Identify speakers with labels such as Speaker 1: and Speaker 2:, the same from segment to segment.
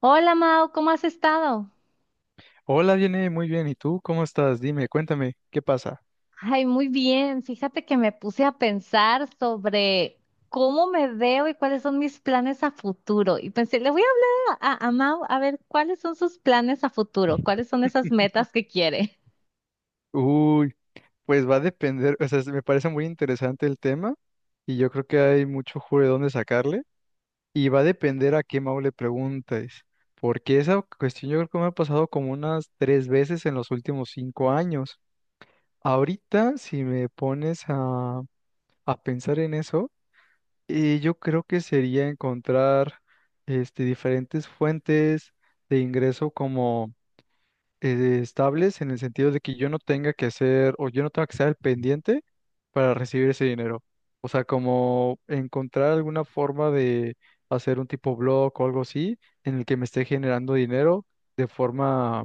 Speaker 1: Hola Mau, ¿cómo has estado?
Speaker 2: Hola, viene muy bien. ¿Y tú cómo estás? Dime, cuéntame, ¿qué pasa?
Speaker 1: Ay, muy bien. Fíjate que me puse a pensar sobre cómo me veo y cuáles son mis planes a futuro. Y pensé, le voy a hablar a Mau a ver cuáles son sus planes a futuro, cuáles son esas metas que quiere.
Speaker 2: Uy, pues va a depender, o sea, me parece muy interesante el tema y yo creo que hay mucho jugo de dónde sacarle y va a depender a qué Mau le preguntes, porque esa cuestión yo creo que me ha pasado como unas tres veces en los últimos cinco años. Ahorita, si me pones a pensar en eso, yo creo que sería encontrar diferentes fuentes de ingreso estables en el sentido de que yo no tenga que hacer o yo no tenga que estar al pendiente para recibir ese dinero. O sea, como encontrar alguna forma de hacer un tipo blog o algo así en el que me esté generando dinero de forma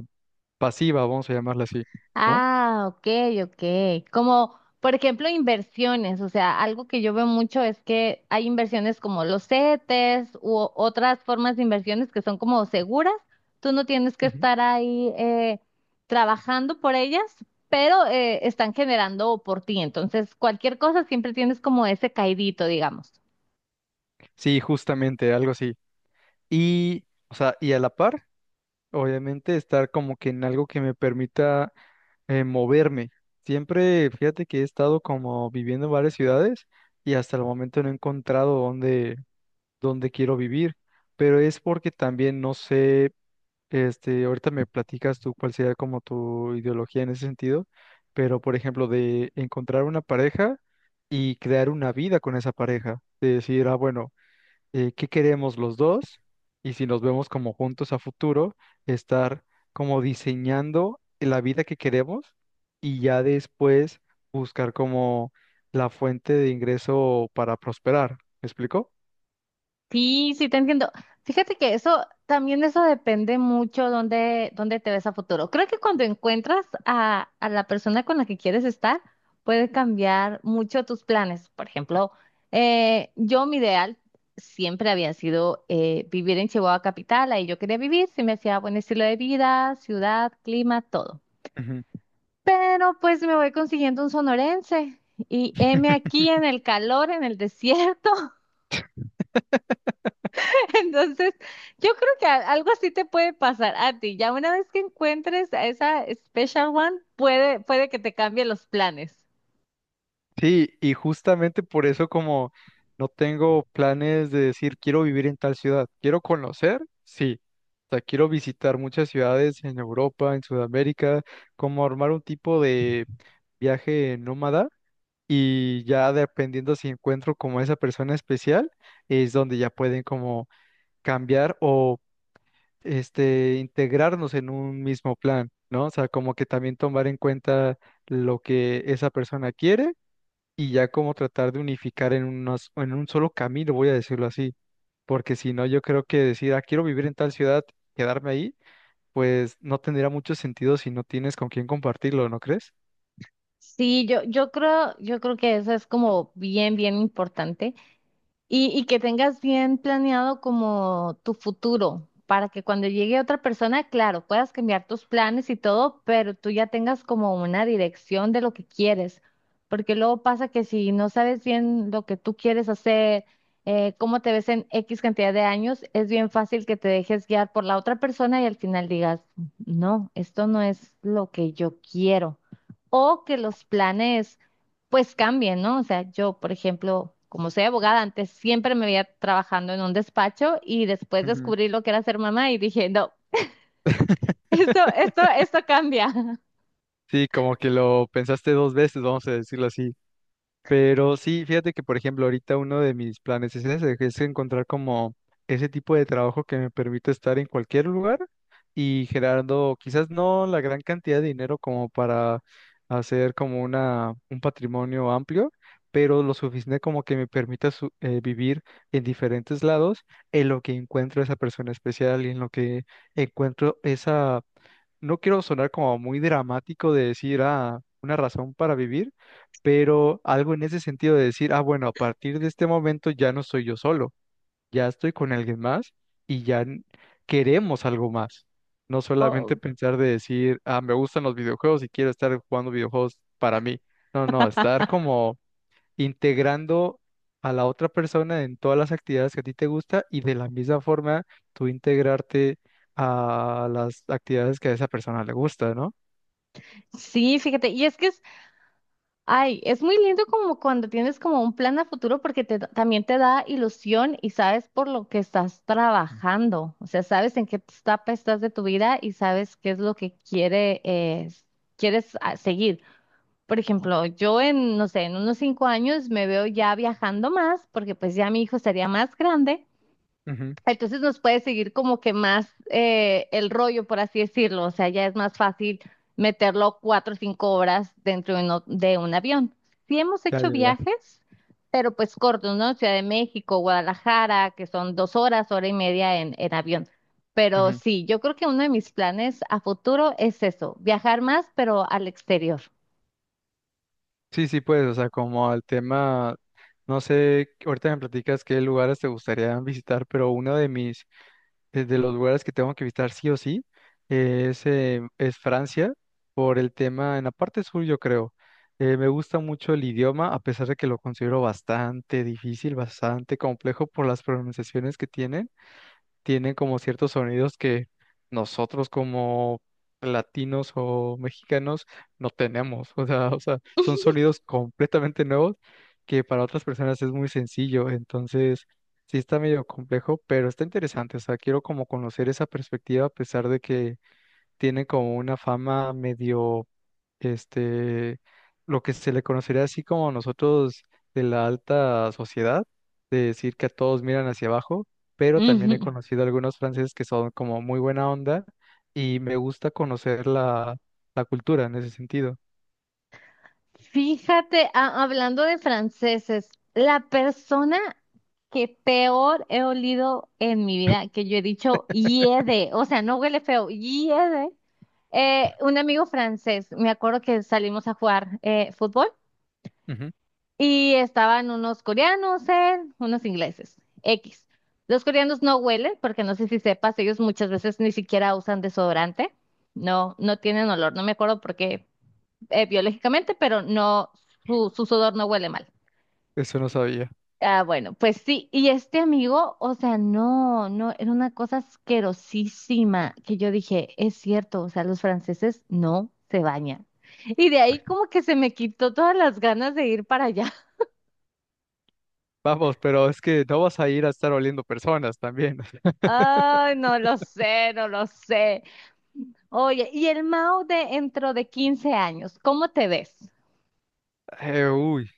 Speaker 2: pasiva, vamos a llamarla así, ¿no?
Speaker 1: Ah, ok, ok. Como, por ejemplo, inversiones. O sea, algo que yo veo mucho es que hay inversiones como los CETES u otras formas de inversiones que son como seguras. Tú no tienes que
Speaker 2: Ujú.
Speaker 1: estar ahí trabajando por ellas, pero están generando por ti. Entonces, cualquier cosa siempre tienes como ese caidito, digamos.
Speaker 2: Sí, justamente, algo así. Y, o sea, y a la par, obviamente, estar como que en algo que me permita moverme. Siempre, fíjate que he estado como viviendo en varias ciudades y hasta el momento no he encontrado dónde quiero vivir, pero es porque también no sé, ahorita me platicas tú cuál sería como tu ideología en ese sentido, pero por ejemplo, de encontrar una pareja y crear una vida con esa pareja, de decir, ah, bueno, qué queremos los dos y si nos vemos como juntos a futuro, estar como diseñando la vida que queremos y ya después buscar como la fuente de ingreso para prosperar. ¿Me explico?
Speaker 1: Sí, sí, te entiendo. Fíjate que eso también eso depende mucho dónde te ves a futuro. Creo que cuando encuentras a la persona con la que quieres estar, puede cambiar mucho tus planes. Por ejemplo, yo mi ideal siempre había sido vivir en Chihuahua capital, ahí yo quería vivir, se me hacía buen estilo de vida, ciudad, clima, todo.
Speaker 2: Ujú.
Speaker 1: Pero pues me voy consiguiendo un sonorense y heme aquí en el calor, en el desierto. Entonces, yo creo que algo así te puede pasar a ti. Ya una vez que encuentres a esa special one, puede que te cambie los planes.
Speaker 2: Sí, y justamente por eso como no tengo planes de decir quiero vivir en tal ciudad, quiero conocer, sí. O sea, quiero visitar muchas ciudades en Europa, en Sudamérica, como armar un tipo de viaje nómada y ya dependiendo si encuentro como esa persona especial, es donde ya pueden como cambiar o este integrarnos en un mismo plan, ¿no? O sea, como que también tomar en cuenta lo que esa persona quiere y ya como tratar de unificar en en un solo camino, voy a decirlo así, porque si no, yo creo que decir, ah, quiero vivir en tal ciudad, quedarme ahí, pues no tendría mucho sentido si no tienes con quién compartirlo, ¿no crees?
Speaker 1: Sí, yo creo que eso es como bien, bien importante. Y que tengas bien planeado como tu futuro, para que cuando llegue otra persona, claro, puedas cambiar tus planes y todo, pero tú ya tengas como una dirección de lo que quieres, porque luego pasa que si no sabes bien lo que tú quieres hacer, cómo te ves en X cantidad de años, es bien fácil que te dejes guiar por la otra persona y al final digas, no, esto no es lo que yo quiero. O que los planes pues cambien, ¿no? O sea, yo, por ejemplo, como soy abogada, antes siempre me veía trabajando en un despacho y después
Speaker 2: Ujú.
Speaker 1: descubrí lo que era ser mamá y dije, no, esto, esto, esto cambia.
Speaker 2: Sí, como que lo pensaste dos veces, vamos a decirlo así. Pero sí, fíjate que, por ejemplo, ahorita uno de mis planes es ese, que es encontrar como ese tipo de trabajo que me permita estar en cualquier lugar y generando quizás no la gran cantidad de dinero como para hacer como un patrimonio amplio, pero lo suficiente como que me permita vivir en diferentes lados en lo que encuentro esa persona especial y en lo que encuentro esa no quiero sonar como muy dramático de decir, ah, una razón para vivir, pero algo en ese sentido de decir, ah, bueno, a partir de este momento ya no soy yo solo, ya estoy con alguien más y queremos algo más. No solamente
Speaker 1: Oh.
Speaker 2: pensar de decir, ah, me gustan los videojuegos y quiero estar jugando videojuegos para mí. No, no, estar como integrando a la otra persona en todas las actividades que a ti te gusta y de la misma forma tú integrarte a las actividades que a esa persona le gusta, ¿no?
Speaker 1: Sí, fíjate, y ay, es muy lindo como cuando tienes como un plan a futuro porque también te da ilusión y sabes por lo que estás trabajando, o sea, sabes en qué etapa estás de tu vida y sabes qué es lo que quieres seguir. Por ejemplo, yo en, no sé, en unos 5 años me veo ya viajando más, porque pues ya mi hijo estaría más grande.
Speaker 2: Ujú.
Speaker 1: Entonces nos puede seguir como que más el rollo, por así decirlo. O sea, ya es más fácil meterlo 4 o 5 horas dentro de un avión. Sí hemos
Speaker 2: Ya,
Speaker 1: hecho
Speaker 2: ya, ya.
Speaker 1: viajes, pero pues cortos, ¿no? Ciudad de México, Guadalajara, que son 2 horas, hora y media en, avión. Pero
Speaker 2: Ujú.
Speaker 1: sí, yo creo que uno de mis planes a futuro es eso, viajar más, pero al exterior.
Speaker 2: Sí, sí, pues, o sea, como al tema, no sé, ahorita me platicas qué lugares te gustaría visitar, pero uno de mis de los lugares que tengo que visitar sí o sí es Francia, por el tema en la parte sur, yo creo. Me gusta mucho el idioma, a pesar de que lo considero bastante difícil, bastante complejo por las pronunciaciones que tienen como ciertos sonidos que nosotros como latinos o mexicanos no tenemos. O sea, son sonidos completamente nuevos que para otras personas es muy sencillo. Entonces, sí está medio complejo, pero está interesante. O sea, quiero como conocer esa perspectiva a pesar de que tiene como una fama medio, este, lo que se le conocería así como nosotros de la alta sociedad, de decir que a todos miran hacia abajo, pero también he conocido algunos franceses que son como muy buena onda y me gusta conocer la cultura en ese sentido.
Speaker 1: Fíjate, hablando de franceses, la persona que peor he olido en mi vida, que yo he dicho hiede, o sea, no huele feo, hiede, un amigo francés, me acuerdo que salimos a jugar fútbol
Speaker 2: Ujú.
Speaker 1: y estaban unos coreanos, él, unos ingleses, X. Los coreanos no huelen, porque no sé si sepas, ellos muchas veces ni siquiera usan desodorante, no, no tienen olor, no me acuerdo por qué biológicamente, pero no, su sudor no huele mal.
Speaker 2: Eso no sabía.
Speaker 1: Ah, bueno, pues sí, y este amigo, o sea, no, no, era una cosa asquerosísima que yo dije, es cierto, o sea, los franceses no se bañan. Y de ahí como que se me quitó todas las ganas de ir para allá.
Speaker 2: Vamos, pero es que no vas a ir a estar oliendo personas también.
Speaker 1: Ay, no lo sé, no lo sé. Oye, y el Mao de dentro de 15 años, ¿cómo te ves?
Speaker 2: Uy.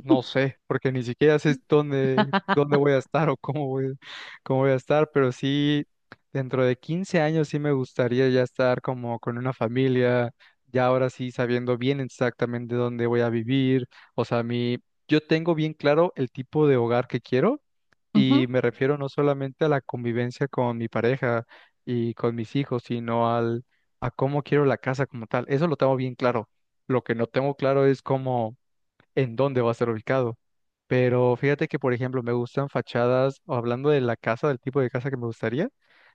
Speaker 2: No sé, porque ni siquiera sé dónde voy a estar o cómo voy a estar, pero sí, dentro de 15 años sí me gustaría ya estar como con una familia, ya ahora sí sabiendo bien exactamente dónde voy a vivir. O sea, mi, yo tengo bien claro el tipo de hogar que quiero y me refiero no solamente a la convivencia con mi pareja y con mis hijos, sino a cómo quiero la casa como tal. Eso lo tengo bien claro. Lo que no tengo claro es cómo en dónde va a ser ubicado. Pero fíjate que, por ejemplo, me gustan fachadas, o hablando de la casa, del tipo de casa que me gustaría,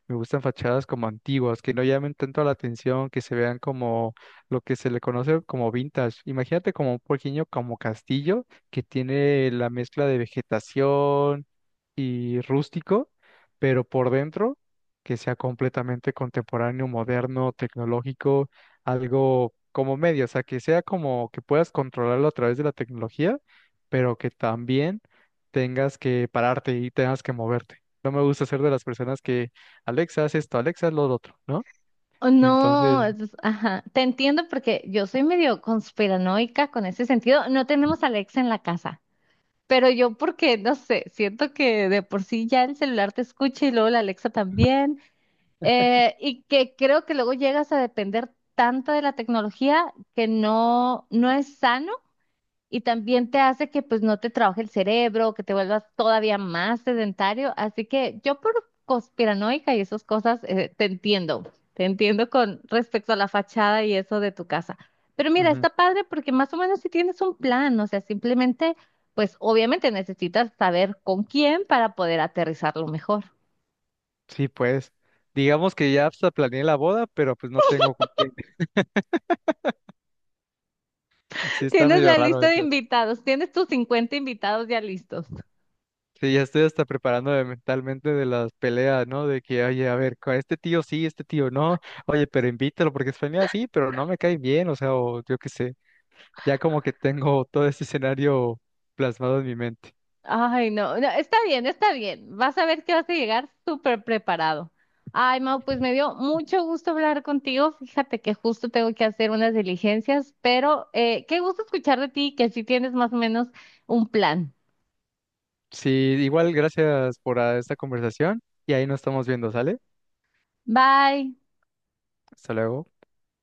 Speaker 2: me gustan fachadas como antiguas, que no llamen tanto la atención, que se vean como lo que se le conoce como vintage. Imagínate como un pequeño como castillo que tiene la mezcla de vegetación y rústico, pero por dentro que sea completamente contemporáneo, moderno, tecnológico, algo como medio, o sea, que sea como que puedas controlarlo a través de la tecnología, pero que también tengas que pararte y tengas que moverte. No me gusta ser de las personas que, Alexa, haz esto, Alexa, haz lo otro, ¿no?
Speaker 1: Oh,
Speaker 2: Entonces,
Speaker 1: no, ajá, te entiendo porque yo soy medio conspiranoica con ese sentido. No tenemos a Alexa en la casa, pero yo porque, no sé, siento que de por sí ya el celular te escucha y luego la Alexa también, y que creo que luego llegas a depender tanto de la tecnología que no, no es sano y también te hace que pues no te trabaje el cerebro, que te vuelvas todavía más sedentario. Así que yo por conspiranoica y esas cosas te entiendo con respecto a la fachada y eso de tu casa. Pero mira,
Speaker 2: ujú,
Speaker 1: está padre porque más o menos si tienes un plan, o sea, simplemente pues obviamente necesitas saber con quién para poder aterrizarlo mejor.
Speaker 2: sí, pues, digamos que ya hasta planeé la boda, pero pues no tengo con quién. Sí, está
Speaker 1: Tienes
Speaker 2: medio
Speaker 1: la
Speaker 2: raro.
Speaker 1: lista de invitados, tienes tus 50 invitados ya listos.
Speaker 2: Sí, ya estoy hasta preparándome mentalmente de las peleas, ¿no? De que, oye, a ver, con este tío sí, este tío no, oye, pero invítalo porque es familia, sí, pero no me cae bien, o sea, o yo qué sé, ya como que tengo todo ese escenario plasmado en mi mente.
Speaker 1: Ay, no, no, está bien, está bien. Vas a ver que vas a llegar súper preparado. Ay, Mau, pues me dio mucho gusto hablar contigo. Fíjate que justo tengo que hacer unas diligencias, pero qué gusto escuchar de ti, que sí tienes más o menos un plan.
Speaker 2: Sí, igual gracias por esta conversación y ahí nos estamos viendo, ¿sale?
Speaker 1: Bye.
Speaker 2: Hasta luego.